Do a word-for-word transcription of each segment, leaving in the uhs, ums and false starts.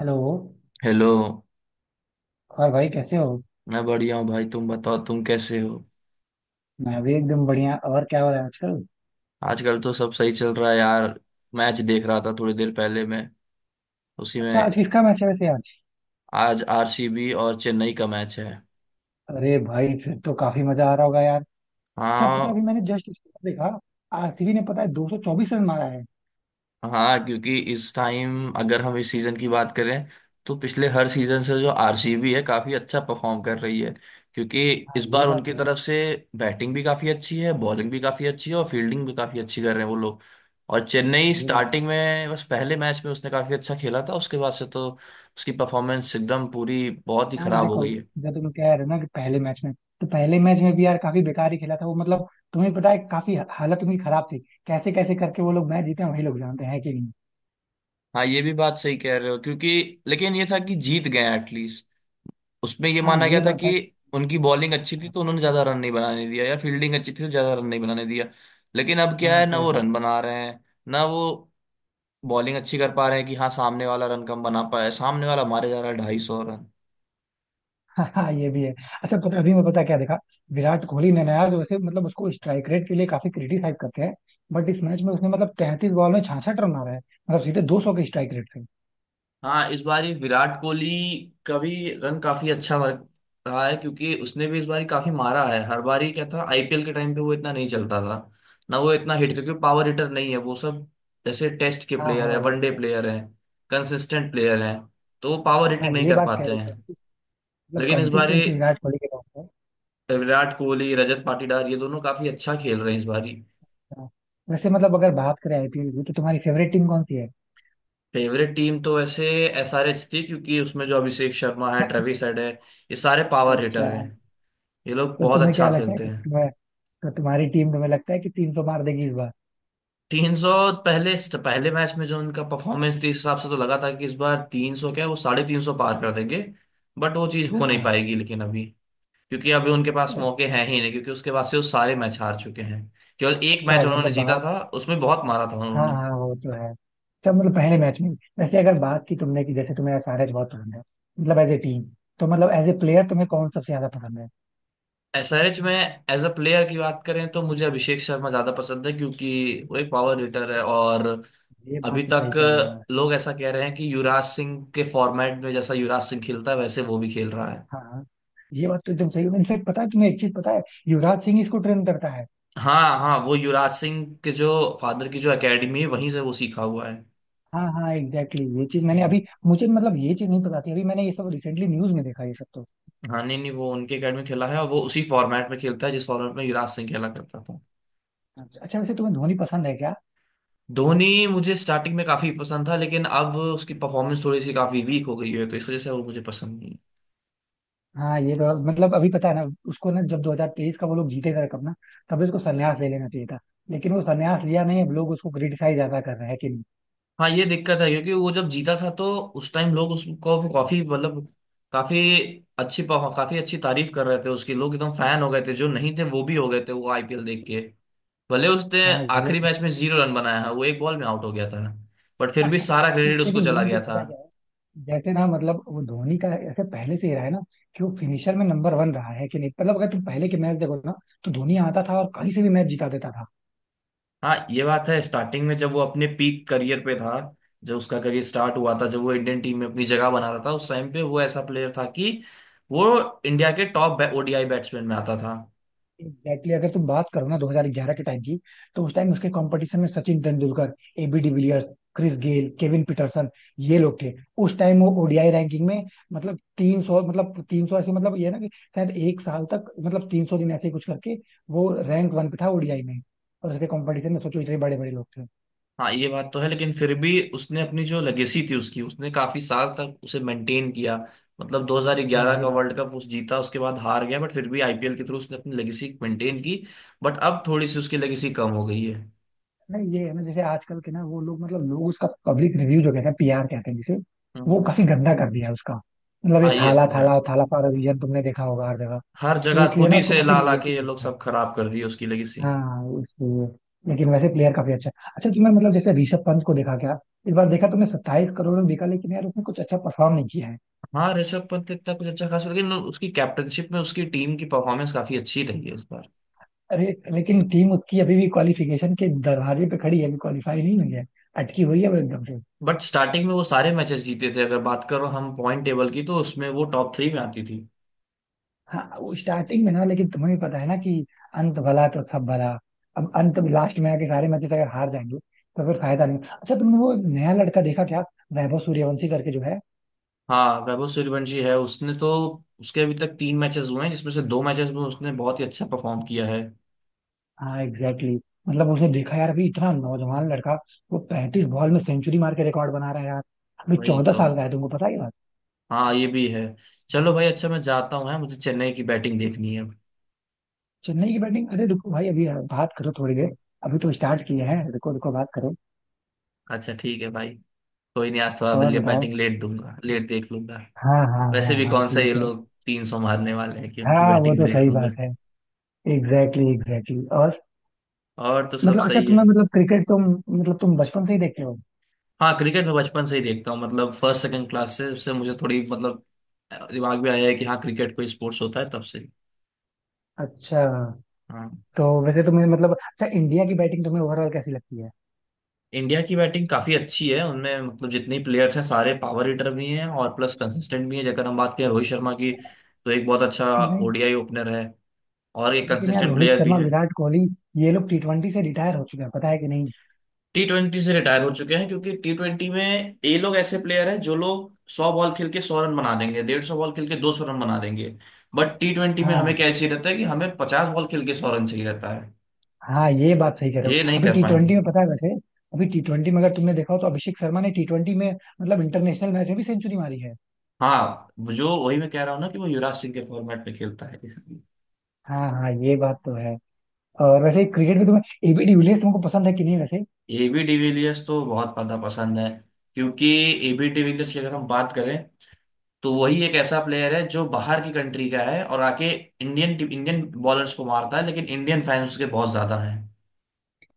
Hello. Hello. और भाई कैसे हो? मैं बढ़िया हूँ भाई, तुम बताओ तुम कैसे हो? मैं भी एकदम बढ़िया। और क्या हो रहा है आजकल? आजकल तो सब सही चल रहा है यार। मैच देख रहा था थोड़ी देर पहले मैं, उसी अच्छा, आज में। किसका मैच है वैसे आज? आज आरसीबी और चेन्नई का मैच है। अरे भाई, फिर तो काफी मजा आ रहा होगा यार। अच्छा पता हाँ। है, अभी मैंने जस्ट स्कोर देखा। आरसीबी ने पता है दो सौ चौबीस रन मारा है। हाँ, क्योंकि इस टाइम अगर हम इस सीजन की बात करें तो पिछले हर सीजन से जो आरसीबी है काफी अच्छा परफॉर्म कर रही है क्योंकि हाँ इस ये बार बात उनकी तो है। तरफ से बैटिंग भी काफी अच्छी है, बॉलिंग भी काफी अच्छी है और फील्डिंग भी काफी अच्छी कर रहे हैं वो लोग। और चेन्नई ये बात तो स्टार्टिंग है। में बस पहले मैच में उसने काफी अच्छा खेला था, उसके बाद से तो उसकी परफॉर्मेंस एकदम पूरी बहुत ही यार खराब हो देखो, गई है। जो तुम कह रहे हो ना कि पहले मैच में, तो पहले मैच में भी यार काफी बेकार ही खेला था वो, मतलब तुम्हें पता है काफी हालत उनकी खराब थी। कैसे कैसे करके वो लोग मैच जीते हैं वही लोग जानते हैं, कि नहीं? हाँ ये भी बात सही कह रहे हो क्योंकि, लेकिन ये था कि जीत गए एटलीस्ट। उसमें ये हाँ माना गया ये था बात कि है कि। उनकी बॉलिंग अच्छी थी तो उन्होंने ज्यादा रन नहीं बनाने दिया या फील्डिंग अच्छी थी तो ज्यादा रन नहीं बनाने दिया। लेकिन अब क्या हाँ, है ना, कह वो रन सकते हैं। बना रहे हैं ना, वो बॉलिंग अच्छी कर पा रहे हैं कि हाँ सामने वाला रन कम बना पाया। सामने वाला मारे जा रहा है ढाई सौ रन। हाँ हाँ, ये भी है। अच्छा पता, अभी मैं पता क्या देखा, विराट कोहली ने नया जो उसे मतलब उसको स्ट्राइक रेट के लिए काफी क्रिटिसाइज करते हैं। बट इस मैच में उसने मतलब तैंतीस बॉल में छियासठ रन मारा है, मतलब सीधे दो सौ के स्ट्राइक रेट से। हाँ इस बार ये विराट कोहली का भी रन काफी अच्छा वर्क रहा है क्योंकि उसने भी इस बार काफी मारा है। हर बार ही क्या था, आईपीएल के टाइम पे वो इतना नहीं चलता था ना, वो इतना हिट क्योंकि पावर हिटर नहीं है वो सब। जैसे टेस्ट के हाँ प्लेयर है, हाँ, वो तो वनडे है। प्लेयर है, कंसिस्टेंट प्लेयर है, तो वो पावर हाँ हिटिंग नहीं ये कर बात कह पाते रहे हैं। हो तुम। मतलब लेकिन इस बार ये कंसिस्टेंसी विराट कोहली के पास है। विराट कोहली, रजत पाटीदार, ये दोनों काफी अच्छा खेल रहे हैं इस बार ही। हाँ। वैसे मतलब अगर बात करें आईपीएल की तो तुम्हारी फेवरेट टीम कौन सी है? फेवरेट टीम तो वैसे एसआरएच थी क्योंकि उसमें जो अभिषेक शर्मा है, ट्रेविस हेड है, ये सारे पावर अच्छा। हिटर हैं। ये लोग तो बहुत तुम्हें क्या अच्छा लगता है खेलते कि हैं। तुम्हें, तो तुम्हारी टीम तुम्हें लगता है कि तीन सौ मार देगी इस बार? तीन सौ। पहले पहले मैच में जो उनका परफॉर्मेंस थी इस हिसाब से तो लगा था कि इस बार तीन सौ क्या वो साढ़े तीन सौ पार कर देंगे। बट वो चीज़ हो नहीं हाँ। पाएगी लेकिन अभी, क्योंकि अभी उनके पास मौके अच्छा। हैं ही नहीं क्योंकि उसके बाद से वो सारे मैच हार चुके हैं। केवल एक अच्छा, मैच उन्होंने मतलब जीता बात। था उसमें बहुत मारा था हाँ उन्होंने। हाँ, वो तो है। सब मतलब पहले मैच में, वैसे अगर बात की तुमने कि जैसे तुम्हें एसआरएच बहुत पसंद है, मतलब एज ए टीम, तो मतलब एज ए प्लेयर तुम्हें कौन सबसे ज्यादा पसंद है? एसआरएच में एज अ प्लेयर की बात करें तो मुझे अभिषेक शर्मा ज्यादा पसंद है क्योंकि वो एक पावर हिटर है। और ये अभी बात तो तक सही कह रहे हो यार। लोग ऐसा कह रहे हैं कि युवराज सिंह के फॉर्मेट में जैसा युवराज सिंह खेलता है वैसे वो भी खेल रहा है। हाँ हाँ, ये बात तो एकदम सही। इनफेक्ट पता है तुम्हें एक चीज पता है, युवराज सिंह इसको ट्रेन करता है। हाँ हाँ, वो युवराज सिंह के जो फादर की जो एकेडमी है वहीं से वो सीखा हुआ है। हाँ हाँ, एग्जैक्टली exactly। ये चीज मैंने हम्म। अभी, मुझे मतलब ये चीज नहीं पता थी, अभी मैंने ये सब रिसेंटली न्यूज में देखा ये सब तो। हाँ, नहीं नहीं, वो उनके एकेडमी खेला है और वो उसी फॉर्मेट में खेलता है जिस फॉर्मेट में युवराज सिंह खेला करता था। अच्छा वैसे तुम्हें धोनी पसंद है क्या? धोनी मुझे स्टार्टिंग में काफी पसंद था लेकिन अब उसकी परफॉर्मेंस थोड़ी सी काफी वीक हो गई है तो इस वजह से वो मुझे पसंद नहीं है। हाँ ये तो मतलब, अभी पता है ना, उसको ना जब दो हज़ार तेईस का वो लोग जीते थे कप ना, तभी उसको संन्यास ले लेना चाहिए था। लेकिन वो संन्यास लिया नहीं, अब लोग उसको क्रिटिसाइज ज्यादा कर रहे हैं, कि नहीं? हाँ ये दिक्कत है क्योंकि वो जब जीता था तो उस टाइम लोग उसको काफी, मतलब काफी अच्छी काफी अच्छी तारीफ कर रहे थे उसकी, लोग एकदम फैन हो गए थे, जो नहीं थे वो भी हो गए थे वो आईपीएल देख के। भले उसने हाँ ये आखिरी तो। मैच में जीरो रन बनाया है, वो एक बॉल में आउट हो गया था, बट फिर भी सारा क्रेडिट उसको लेकिन चला मेन गया चीज पता था। है क्या है, जैसे ना मतलब वो धोनी का ऐसे पहले से ही रहा है ना कि वो फिनिशर में नंबर वन रहा है, कि नहीं? मतलब अगर तुम पहले के मैच देखो ना, तो धोनी आता था और कहीं से भी मैच जिता देता था। हाँ ये बात है, स्टार्टिंग में जब वो अपने पीक करियर पे था, जब उसका करियर स्टार्ट हुआ था, जब वो इंडियन टीम में अपनी जगह बना रहा था उस टाइम पे वो ऐसा प्लेयर था कि वो इंडिया के टॉप ओडीआई बैट्समैन में आता था। एग्जैक्टली, अगर तुम बात करो ना दो हज़ार ग्यारह के टाइम की, तो उस टाइम उसके कंपटीशन में Sachin Tendulkar, AB de Villiers, Chris Gayle, Kevin Pietersen, ये लोग थे। उस टाइम वो ओडीआई रैंकिंग में, मतलब तीन सौ मतलब तीन सौ ऐसे मतलब, ये है ना कि शायद एक साल तक मतलब तीन सौ दिन ऐसे ही कुछ करके वो रैंक वन पे था ओडीआई में। और उसके कंपटीशन में सोचो इतने बड़े बड़े लोग थे। हाँ ये बात तो है लेकिन फिर भी उसने अपनी जो लेगेसी थी उसकी उसने काफी साल तक उसे मेंटेन किया। मतलब हाँ दो हज़ार ग्यारह ये का बात। वर्ल्ड कप उस जीता, उसके बाद हार गया, बट फिर भी आईपीएल के थ्रू उसने अपनी लेगेसी मेंटेन की। बट अब थोड़ी सी उसकी लेगेसी कम हो गई है। नहीं ये है ना, जैसे आजकल के ना वो लोग मतलब लोग, उसका पब्लिक रिव्यू जो कहते हैं पीआर कहते हैं जिसे, वो हम्म, काफी गंदा कर दिया है उसका। मतलब हाँ ये ये थाला तो है। Thala Thala for a reason, तुमने देखा होगा हर जगह। हर तो जगह इसलिए खुद ना ही उसको से काफी ला ला के ये नेगेटिव लोग होता है। सब खराब कर दिए उसकी लेगेसी। हाँ इसलिए। लेकिन वैसे प्लेयर काफी अच्छा है। अच्छा तुमने मतलब जैसे ऋषभ पंत को देखा क्या? इस बार देखा तुमने, सत्ताईस करोड़ में बिका, लेकिन यार उसने कुछ अच्छा परफॉर्म नहीं किया है। हाँ, ऋषभ पंत इतना कुछ अच्छा खास, लेकिन उसकी कैप्टनशिप में उसकी टीम की परफॉर्मेंस काफी अच्छी रही है इस बार। अरे लेकिन टीम उसकी अभी भी क्वालिफिकेशन के दरवाजे पे खड़ी है, अभी क्वालिफाई नहीं हुई है। अटकी हुई है वो एकदम से। बट स्टार्टिंग में वो सारे मैचेस जीते थे, अगर बात करो हम पॉइंट टेबल की तो उसमें वो टॉप थ्री में आती थी। हाँ वो स्टार्टिंग में ना, लेकिन तुम्हें भी पता है ना कि अंत भला तो सब भला। अब अंत लास्ट में आके सारे मैचेस अगर हार जाएंगे, तो फिर फायदा नहीं। अच्छा तुमने वो नया लड़का देखा क्या, वैभव सूर्यवंशी करके जो है? हाँ, वैभव सूर्यवंशी है उसने तो, उसके अभी तक तीन मैचेस हुए हैं जिसमें से दो मैचेस में उसने बहुत ही अच्छा परफॉर्म किया है। हाँ एग्जैक्टली exactly। मतलब उसने देखा यार, अभी इतना नौजवान लड़का, वो पैंतीस बॉल में सेंचुरी मार के रिकॉर्ड बना रहा है यार। अभी वही चौदह तो। साल का है, तुमको पता ही बात। हाँ ये भी है। चलो भाई, अच्छा मैं जाता हूँ है, मुझे चेन्नई की बैटिंग देखनी है। चेन्नई की बैटिंग? अरे रुको भाई, अभी बात करो थोड़ी देर। अभी तो स्टार्ट किया है, रुको रुको, बात करो। अच्छा ठीक है भाई, कोई नहीं, आज थोड़ा और बताओ। बैटिंग लेट दूंगा, लेट देख लूंगा। हाँ हाँ वैसे हाँ भी हाँ, कौन सा ये ठीक है। लोग तीन सौ मारने वाले हैं कि उनकी हाँ वो बैटिंग में तो सही बात देखूंगा। है। Exactly exactly, exactly exactly। और और तो सब मतलब, अच्छा सही है। तुम्हें मतलब क्रिकेट तुम, मतलब तुम बचपन से ही देखते हो? हाँ, क्रिकेट मैं बचपन से ही देखता हूँ मतलब फर्स्ट सेकंड क्लास से, उससे मुझे थोड़ी मतलब दिमाग में आया है कि हाँ क्रिकेट कोई स्पोर्ट्स होता है तब से। अच्छा। हाँ। तो वैसे तुम्हें मतलब, अच्छा इंडिया की बैटिंग तुम्हें ओवरऑल कैसी लगती है? इंडिया की बैटिंग काफी अच्छी है, उनमें मतलब जितने प्लेयर्स हैं सारे पावर हिटर भी हैं और प्लस कंसिस्टेंट भी हैं। जगह हम बात करें रोहित शर्मा की, तो एक बहुत अच्छा नहीं ओडीआई ओपनर है और एक लेकिन यार कंसिस्टेंट रोहित प्लेयर भी शर्मा, है। विराट कोहली, ये लोग टी ट्वेंटी से रिटायर हो चुके हैं, पता है कि नहीं? टी ट्वेंटी से रिटायर हो चुके हैं क्योंकि टी ट्वेंटी में ये लोग ऐसे प्लेयर हैं जो लोग सौ बॉल खेल के सौ रन बना देंगे, डेढ़ सौ बॉल खेल के दो सौ रन बना देंगे। बट टी ट्वेंटी में हमें हाँ क्या चाहिए रहता है कि हमें पचास बॉल खेल के सौ रन चाहिए रहता है। हाँ ये बात सही कह रहे हो। ये नहीं अभी कर टी पाएंगे ये ट्वेंटी में लोग। पता है वैसे, अभी टी ट्वेंटी में अगर तुमने देखा हो, तो अभिषेक शर्मा ने टी ट्वेंटी में मतलब इंटरनेशनल मैच में भी सेंचुरी मारी है। हाँ, जो वही मैं कह रहा हूँ ना कि वो युवराज सिंह के फॉर्मेट में खेलता है। हाँ हाँ, ये बात तो है। और वैसे क्रिकेट में तुम्हें एबी डिविलियर्स तुमको पसंद है कि नहीं वैसे? एबी डिविलियर्स तो बहुत ज्यादा पसंद है क्योंकि एबी डिविलियर्स की अगर हम बात करें तो वही एक ऐसा प्लेयर है जो बाहर की कंट्री का है और आके इंडियन इंडियन बॉलर्स को मारता है लेकिन इंडियन फैंस उसके बहुत ज्यादा हैं।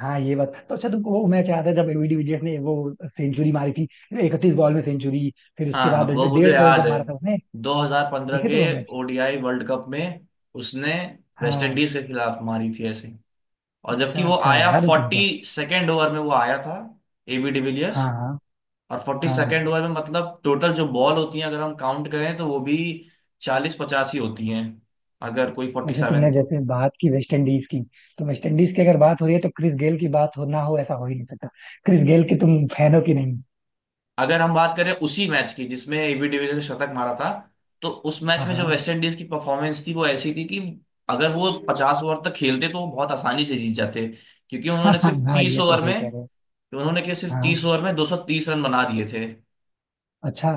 हाँ ये बात तो। अच्छा तुमको वो मैच याद है, जब एबी डिविलियर्स ने वो सेंचुरी मारी थी इकतीस बॉल में सेंचुररी? फिर उसके हाँ बाद वो मुझे डेढ़ सौ रन याद जब है, मारा था उसने, दो हज़ार पंद्रह देखे थे के वो मैच? ओडीआई वर्ल्ड कप में उसने वेस्ट हाँ इंडीज के खिलाफ मारी थी ऐसे। और जबकि अच्छा वो अच्छा, आया याद है फोर्टी तुमको। सेकेंड ओवर में वो आया था एबी डिविलियर्स, हाँ हाँ और फोर्टी सेकेंड हाँ। ओवर में मतलब टोटल जो बॉल होती हैं अगर हम काउंट करें तो वो भी चालीस पचासी होती हैं, अगर कोई फोर्टी वैसे तुमने सेवन तो। जैसे बात की वेस्ट इंडीज की, तो वेस्ट इंडीज की अगर बात हो रही है तो क्रिस गेल की बात हो ना हो, ऐसा हो ही नहीं सकता। क्रिस गेल के तुम फैन हो, कि नहीं? अगर हम बात करें उसी मैच की जिसमें एबी डिविलियर्स ने शतक मारा था, तो उस मैच हाँ में जो हाँ। वेस्ट इंडीज की परफॉर्मेंस थी वो ऐसी थी कि अगर वो पचास ओवर तक खेलते तो वो बहुत आसानी से जीत जाते क्योंकि हाँ उन्होंने हाँ सिर्फ हाँ, तीस ये तो ओवर सही में, कह रहे हो। उन्होंने क्या सिर्फ तीस हाँ। ओवर में दो सौ तीस रन बना दिए थे। अच्छा,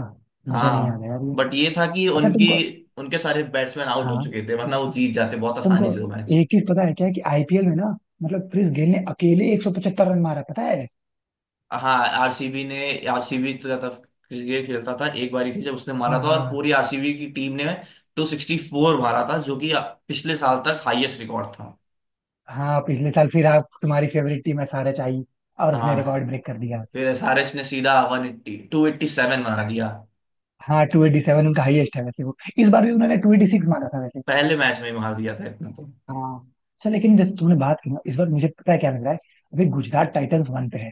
मुझे नहीं याद हाँ है यार ये। बट ये था कि अच्छा उनकी, तुमको। उनके सारे बैट्समैन आउट हो हाँ चुके थे वरना वो जीत जाते बहुत तुमको आसानी से वो मैच। एक चीज पता है क्या, कि आईपीएल में ना, मतलब क्रिस गेल ने अकेले एक सौ पचहत्तर रन मारा पता है? हाँ, आरसीबी ने, आरसीबी की तरफ क्रिकेट खेलता था एक बारी थी जब उसने हाँ मारा था और हाँ पूरी आरसीबी की टीम ने दो सौ चौंसठ मारा था जो कि पिछले साल तक हाईएस्ट रिकॉर्ड था। हाँ, पिछले साल। फिर आप तुम्हारी फेवरेट टीम है सारे आई, और हाँ, उसने रिकॉर्ड ब्रेक कर दिया। फिर एसआरएच ने सीधा one eight zero two eight seven मार दिया, हाँ टू एटी सेवन उनका हाईएस्ट है वैसे। वो इस बार भी उन्होंने टू एटी सिक्स मारा था वैसे। पहले मैच में ही मार दिया था इतना तो। हाँ। अच्छा लेकिन जैसे तुमने बात की ना, इस बार मुझे पता है क्या लग रहा है, अभी गुजरात टाइटंस वन पे है।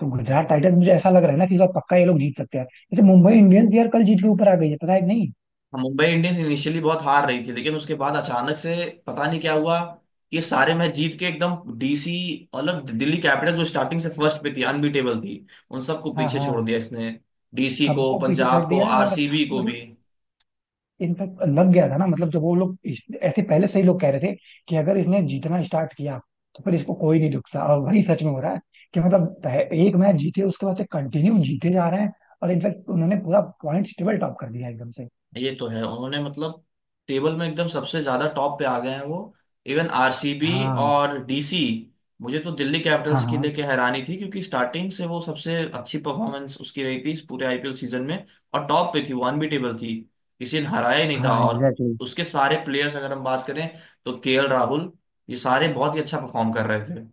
तो गुजरात टाइटंस मुझे ऐसा लग रहा है ना, कि इस बार पक्का ये लोग जीत सकते हैं। जैसे मुंबई इंडियंस यार कल जीत के ऊपर आ गई है, पता है कि नहीं? मुंबई इंडियंस इनिशियली बहुत हार रही थी लेकिन उसके बाद अचानक से पता नहीं क्या हुआ कि सारे मैच जीत के एकदम डीसी, मतलब दिल्ली कैपिटल्स जो स्टार्टिंग से फर्स्ट पे थी अनबीटेबल थी उन सबको हाँ पीछे छोड़ हाँ। दिया इसने, डीसी को, सबको पीछे छोड़ पंजाब को, दिया है। और आरसीबी को भी। मतलब, इनफैक्ट लग गया था ना, मतलब जब वो लोग इस- ऐसे पहले से ही लोग कह रहे थे कि अगर इसने जीतना स्टार्ट किया तो फिर इसको कोई नहीं रुक सकता, और वही सच में हो रहा है। कि मतलब पह- एक मैच जीते, उसके बाद से कंटिन्यू जीते जा रहे हैं। और इनफैक्ट उन्होंने पूरा पॉइंट टेबल टॉप कर दिया एकदम से। ये तो है उन्होंने मतलब टेबल में एकदम सबसे ज्यादा टॉप पे आ गए हैं वो, इवन आरसीबी हाँ और डीसी। मुझे तो दिल्ली हाँ कैपिटल्स की हाँ लेके हैरानी थी क्योंकि स्टार्टिंग से वो सबसे अच्छी परफॉर्मेंस उसकी रही थी इस पूरे आईपीएल सीजन में, और टॉप पे थी वो, अनबीटेबल थी, किसी ने हराया ही नहीं हाँ था। और एग्जैक्टली। उसके सारे प्लेयर्स अगर हम बात करें तो केएल राहुल, ये सारे बहुत ही अच्छा परफॉर्म कर रहे थे।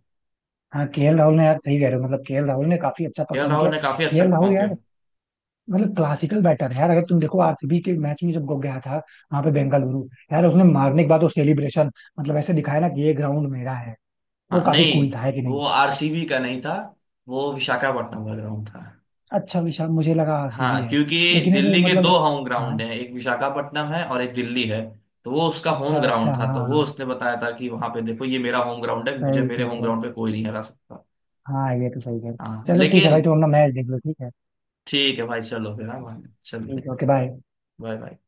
हाँ केएल राहुल ने यार, सही कह रहे हो, मतलब केएल राहुल ने काफी अच्छा केएल परफॉर्म राहुल किया। ने काफी अच्छा केएल राहुल परफॉर्म किया। यार, मतलब क्लासिकल बैटर है यार। अगर तुम देखो आरसीबी के मैच में, जब वो गया था वहां पे बेंगलुरु, यार उसने मारने के बाद वो सेलिब्रेशन, मतलब ऐसे दिखाया ना कि ये ग्राउंड मेरा है। वो हाँ काफी नहीं, कूल था, है कि नहीं? वो आरसीबी का नहीं था, वो विशाखापट्टनम का ग्राउंड था। अच्छा विशाल, मुझे लगा सीवी हाँ है। क्योंकि लेकिन है वो दिल्ली के दो मतलब। होम ग्राउंड हाँ हैं, एक विशाखापट्टनम है और एक दिल्ली है, तो वो उसका होम अच्छा अच्छा, ग्राउंड था हाँ तो वो हाँ, उसने बताया था कि वहां पे देखो ये मेरा होम ग्राउंड है, मुझे सही मेरे कह होम रहे हो। ग्राउंड पे कोई नहीं हरा सकता। हाँ ये तो सही कह रहे हो। हाँ चलो ठीक है भाई, लेकिन, तुम अपना मैच देख लो, ठीक है। ठीक है भाई, चलो फिर, हाँ भाई चलते ठीक हैं। है, ओके बाय। Bye bye.